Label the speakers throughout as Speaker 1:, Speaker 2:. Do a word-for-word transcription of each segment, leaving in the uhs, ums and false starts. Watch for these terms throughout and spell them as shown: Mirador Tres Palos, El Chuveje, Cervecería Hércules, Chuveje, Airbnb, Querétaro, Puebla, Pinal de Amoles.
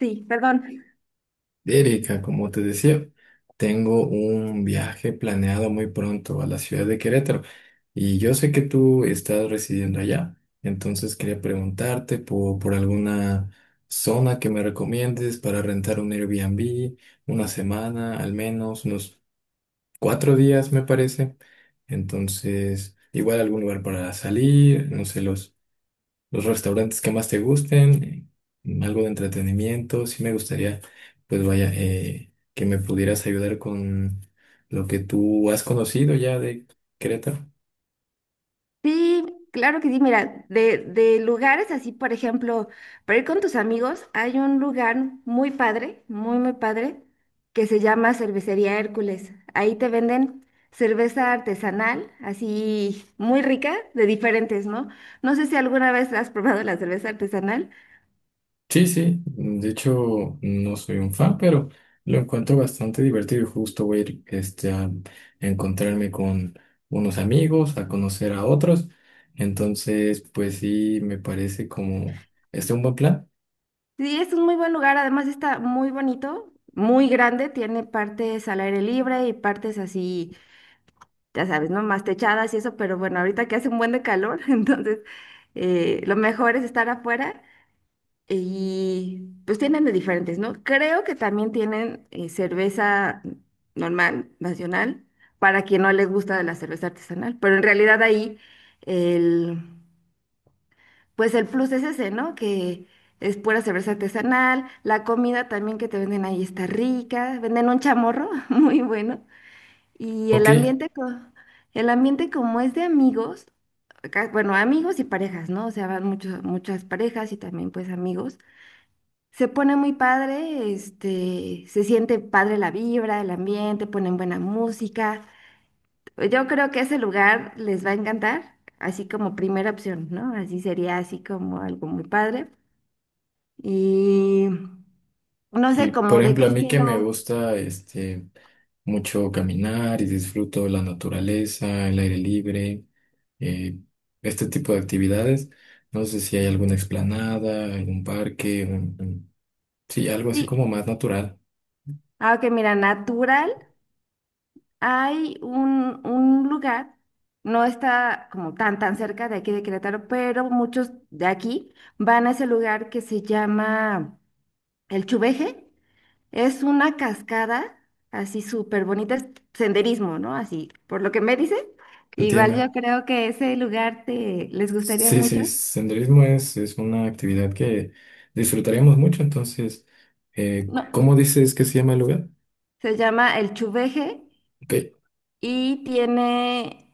Speaker 1: Sí, perdón.
Speaker 2: Erika, como te decía, tengo un viaje planeado muy pronto a la ciudad de Querétaro y yo sé que tú estás residiendo allá, entonces quería preguntarte por, por alguna zona que me recomiendes para rentar un Airbnb, una semana, al menos unos cuatro días me parece. Entonces igual algún lugar para salir, no sé, los los restaurantes que más te gusten, eh, algo de entretenimiento. Sí me gustaría, pues vaya, eh, que me pudieras ayudar con lo que tú has conocido ya de Querétaro.
Speaker 1: Sí, claro que sí. Mira, de, de lugares así, por ejemplo, para ir con tus amigos, hay un lugar muy padre, muy, muy padre, que se llama Cervecería Hércules. Ahí te venden cerveza artesanal, así muy rica, de diferentes, ¿no? No sé si alguna vez has probado la cerveza artesanal.
Speaker 2: Sí, sí, de hecho no soy un fan, pero lo encuentro bastante divertido y justo voy a ir este, a encontrarme con unos amigos, a conocer a otros. Entonces, pues sí, me parece como este un buen plan.
Speaker 1: Sí, es un muy buen lugar, además está muy bonito, muy grande, tiene partes al aire libre y partes así ya sabes, ¿no? Más techadas y eso, pero bueno, ahorita que hace un buen de calor, entonces eh, lo mejor es estar afuera y pues tienen de diferentes, ¿no? Creo que también tienen eh, cerveza normal, nacional, para quien no les gusta la cerveza artesanal, pero en realidad ahí el, pues el plus es ese, ¿no? Que es pura cerveza artesanal, la comida también que te venden ahí está rica, venden un chamorro muy bueno y el
Speaker 2: Ok.
Speaker 1: ambiente, co- el ambiente como es de amigos, ca- bueno, amigos y parejas, ¿no? O sea, van muchos, muchas parejas y también pues amigos. Se pone muy padre, este, se siente padre la vibra, el ambiente, ponen buena música. Yo creo que ese lugar les va a encantar, así como primera opción, ¿no? Así sería así como algo muy padre. Y no sé,
Speaker 2: Y por
Speaker 1: como de qué
Speaker 2: ejemplo, a mí que me
Speaker 1: estilo.
Speaker 2: gusta este mucho caminar y disfruto la naturaleza, el aire libre, eh, este tipo de actividades. No sé si hay alguna explanada, algún parque, un- un- sí, algo así como
Speaker 1: Sí.
Speaker 2: más natural.
Speaker 1: Ah, ok, mira, natural. Hay un, un lugar, no está como tan tan cerca de aquí de Querétaro, pero muchos de aquí van a ese lugar que se llama El Chuveje. Es una cascada así súper bonita, es senderismo, ¿no? Así, por lo que me dices, igual yo
Speaker 2: Entiendo.
Speaker 1: creo que ese lugar te les gustaría
Speaker 2: Sí,
Speaker 1: mucho.
Speaker 2: sí, senderismo es, es una actividad que disfrutaremos mucho. Entonces, eh,
Speaker 1: No,
Speaker 2: ¿cómo dices que se llama el lugar?
Speaker 1: se llama El Chuveje
Speaker 2: Ok.
Speaker 1: y tiene,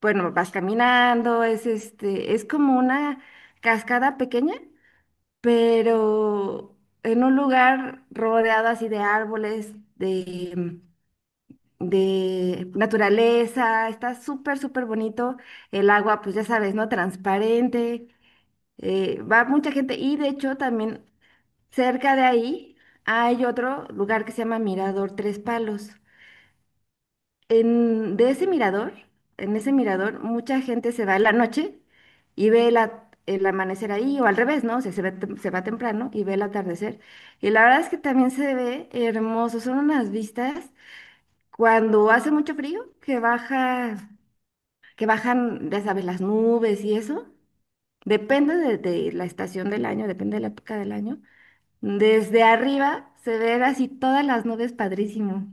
Speaker 1: bueno, vas caminando, es este, es como una cascada pequeña pero en un lugar rodeado así de árboles, de, de naturaleza, está súper, súper bonito. El agua, pues ya sabes, ¿no? Transparente. Eh, va mucha gente y de hecho también cerca de ahí hay otro lugar que se llama Mirador Tres Palos. En, de ese mirador, en ese mirador, mucha gente se va en la noche y ve la- el amanecer ahí, o al revés, ¿no? O sea, se ve tem- se va temprano y ve el atardecer. Y la verdad es que también se ve hermoso, son unas vistas cuando hace mucho frío, que baja, que bajan, ya sabes, las nubes y eso. Depende de, de la estación del año, depende de la época del año. Desde arriba se ven así todas las nubes padrísimo.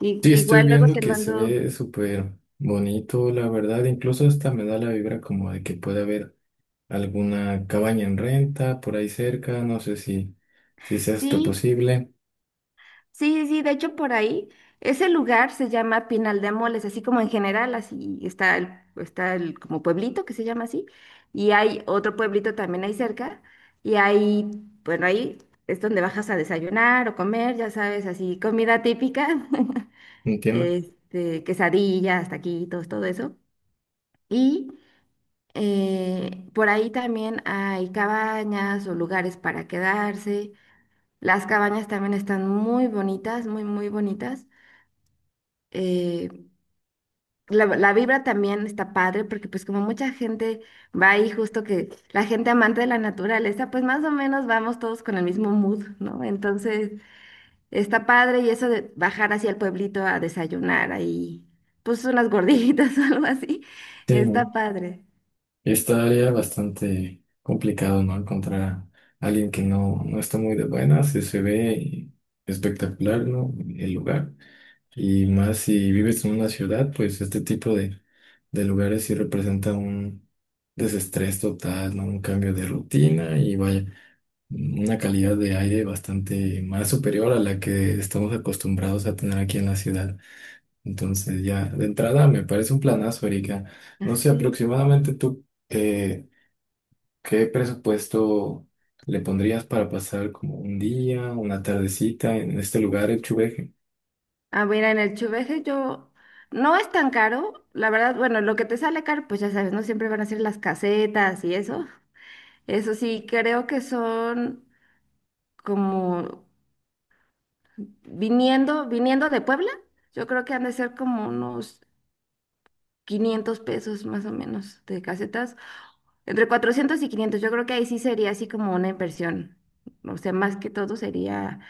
Speaker 1: Y,
Speaker 2: Sí, estoy
Speaker 1: igual luego
Speaker 2: viendo
Speaker 1: te
Speaker 2: que se
Speaker 1: mando,
Speaker 2: ve súper bonito, la verdad. Incluso hasta me da la vibra como de que puede haber alguna cabaña en renta por ahí cerca. No sé si, si sea esto
Speaker 1: sí.
Speaker 2: posible.
Speaker 1: Sí, sí, sí, de hecho por ahí, ese lugar se llama Pinal de Amoles, así como en general, así está el, está el como pueblito que se llama así, y hay otro pueblito también ahí cerca, y ahí, bueno, ahí es donde bajas a desayunar o comer, ya sabes, así comida típica,
Speaker 2: Entiendo.
Speaker 1: este, quesadillas, taquitos, todo eso, y eh, por ahí también hay cabañas o lugares para quedarse, las cabañas también están muy bonitas, muy, muy bonitas. eh, la, la vibra también está padre porque pues como mucha gente va ahí justo que la gente amante de la naturaleza, pues más o menos vamos todos con el mismo mood, ¿no? Entonces está padre y eso de bajar hacia el pueblito a desayunar ahí, pues unas gorditas o algo así,
Speaker 2: Sí,
Speaker 1: está padre.
Speaker 2: estaría bastante complicado, ¿no? Encontrar a alguien que no, no está muy de buenas, y se ve espectacular, ¿no? El lugar. Y más si vives en una ciudad, pues este tipo de, de lugares sí representa un desestrés total, ¿no? Un cambio de rutina y vaya, una calidad de aire bastante más superior a la que estamos acostumbrados a tener aquí en la ciudad. Entonces ya de entrada me parece un planazo, Erika. No sé
Speaker 1: Sí.
Speaker 2: aproximadamente tú. eh, ¿Qué presupuesto le pondrías para pasar como un día, una tardecita en este lugar, el Chuveje?
Speaker 1: Ah, mira, en el Chuveje yo… no es tan caro, la verdad, bueno, lo que te sale caro, pues ya sabes, no siempre van a ser las casetas y eso. Eso sí, creo que son como viniendo, viniendo de Puebla, yo creo que han de ser como unos quinientos pesos más o menos de casetas, entre cuatrocientos y quinientos yo creo que ahí sí sería así como una inversión, o sea, más que todo sería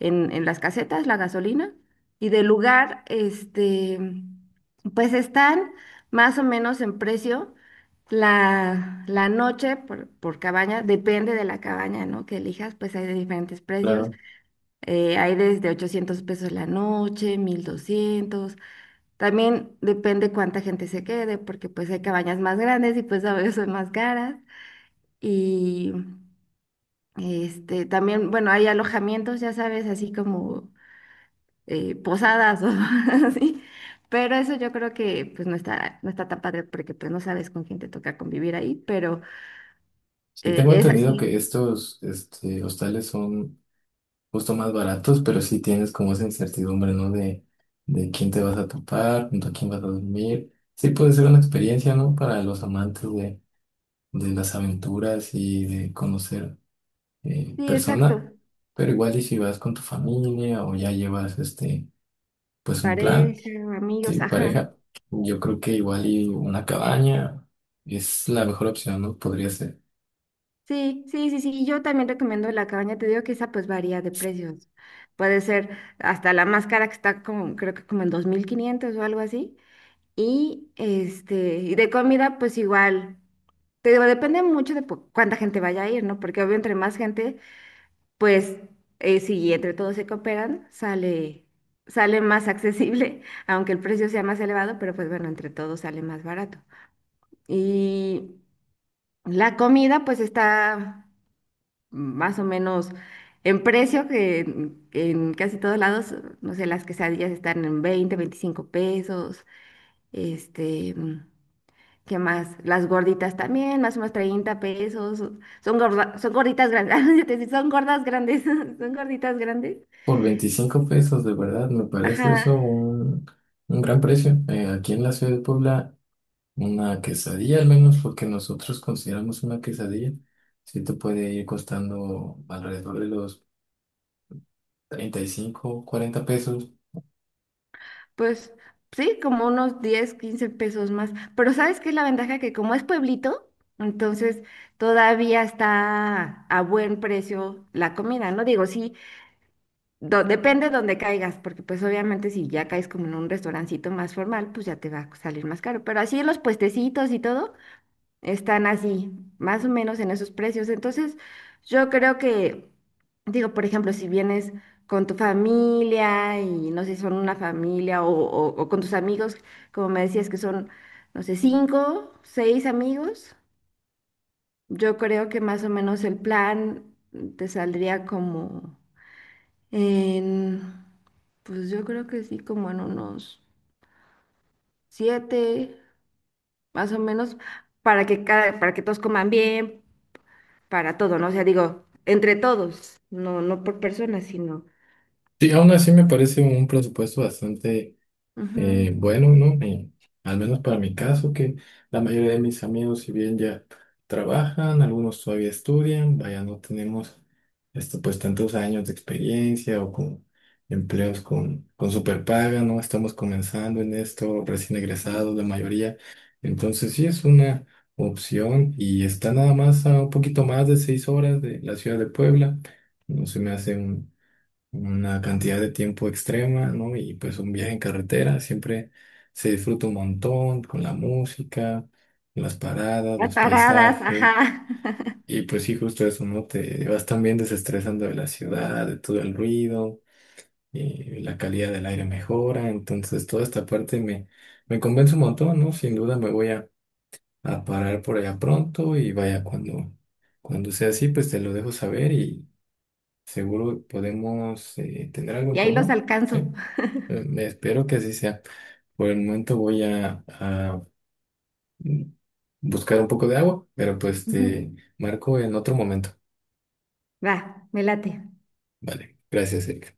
Speaker 1: en, en las casetas, la gasolina, y del lugar, este, pues están más o menos en precio. La, la noche por, por cabaña, depende de la cabaña, ¿no? Que elijas, pues hay de diferentes precios.
Speaker 2: Claro.
Speaker 1: Eh, hay desde ochocientos pesos la noche, mil doscientos. También depende cuánta gente se quede, porque pues hay cabañas más grandes y pues a veces son más caras. Y este, también, bueno, hay alojamientos, ya sabes, así como eh, posadas o así. Pero eso yo creo que pues no está, no está tan padre porque pues no sabes con quién te toca convivir ahí, pero
Speaker 2: Sí,
Speaker 1: eh,
Speaker 2: tengo
Speaker 1: es
Speaker 2: entendido que
Speaker 1: así.
Speaker 2: estos este, hostales son justo más baratos, pero sí tienes como esa incertidumbre, ¿no? De, de quién te vas a topar, junto a quién vas a dormir. Sí puede ser una experiencia, ¿no? Para los amantes de, de las aventuras y de conocer eh,
Speaker 1: Sí, exacto.
Speaker 2: personas, pero igual y si vas con tu familia o ya llevas este, pues un plan.
Speaker 1: Pareja,
Speaker 2: Sí,
Speaker 1: amigos, ajá.
Speaker 2: pareja. Yo creo que igual y una cabaña es la mejor opción, ¿no? Podría ser.
Speaker 1: Sí, sí, sí, sí. Yo también recomiendo la cabaña. Te digo que esa pues varía de precios. Puede ser hasta la más cara que está como, creo que como en dos mil quinientos o algo así. Y este, y de comida pues igual. Te digo, depende mucho de po- cuánta gente vaya a ir, ¿no? Porque obvio entre más gente, pues eh, si entre todos se cooperan, sale, sale más accesible, aunque el precio sea más elevado, pero pues bueno, entre todos sale más barato. Y la comida pues está más o menos en precio, que en, en casi todos lados, no sé, las quesadillas están en veinte veinticinco pesos, este, mm, ¿qué más? Las gorditas también, más o menos treinta pesos, son gorda- son gorditas grandes, ah, es decir, son gordas grandes, son gorditas grandes,
Speaker 2: Por veinticinco pesos, de verdad, me
Speaker 1: ajá,
Speaker 2: parece eso un, un gran precio. Eh, aquí en la ciudad de Puebla, una quesadilla, al menos lo que nosotros consideramos una quesadilla, sí te puede ir costando alrededor de los treinta y cinco cuarenta pesos.
Speaker 1: pues sí, como unos diez quince pesos más, pero ¿sabes qué es la ventaja? Que como es pueblito, entonces todavía está a buen precio la comida, ¿no? Digo, sí, do- depende donde caigas, porque pues obviamente si ya caes como en un restaurancito más formal, pues ya te va a salir más caro. Pero así los puestecitos y todo están así, más o menos en esos precios. Entonces, yo creo que, digo, por ejemplo, si vienes con tu familia y no sé si son una familia o, o o con tus amigos, como me decías que son, no sé, cinco, seis amigos, yo creo que más o menos el plan te saldría como en pues yo creo que sí, como en unos siete, más o menos, para que cada, para que todos coman bien, para todo, ¿no? O sea, digo, entre todos, no, no por personas, sino
Speaker 2: Sí, aún así me parece un presupuesto bastante.
Speaker 1: ujú,
Speaker 2: Eh, bueno, no, Mi- al menos para mi caso, que la mayoría de mis amigos, si bien ya trabajan, algunos todavía estudian, vaya, no tenemos esto, pues tantos años de experiencia o con empleos con, con superpaga, ¿no? Estamos comenzando en esto, recién egresados, la mayoría. Entonces, sí es una opción y está nada más a un poquito más de seis horas de la ciudad de Puebla. No se me hace una cantidad de tiempo extrema, ¿no? Y pues un viaje en carretera siempre se disfruta un montón con la música, las paradas,
Speaker 1: las
Speaker 2: los
Speaker 1: paradas,
Speaker 2: paisajes.
Speaker 1: ajá.
Speaker 2: Y pues sí, justo eso, ¿no? Te vas también desestresando de la ciudad, de todo el ruido, y la calidad del aire mejora. Entonces, toda esta parte me, me convence un montón, ¿no? Sin duda me voy a, a parar por allá pronto y vaya cuando, cuando sea así, pues te lo dejo saber. Seguro podemos eh, tener algo en
Speaker 1: Y ahí los
Speaker 2: común, ¿sí?
Speaker 1: alcanzo.
Speaker 2: Eh, espero que así sea. Por el momento voy a, a, mm, buscar un poco de agua, pero pues
Speaker 1: Ujú.
Speaker 2: te marco en otro momento.
Speaker 1: Va, me late.
Speaker 2: Vale, gracias, Erika.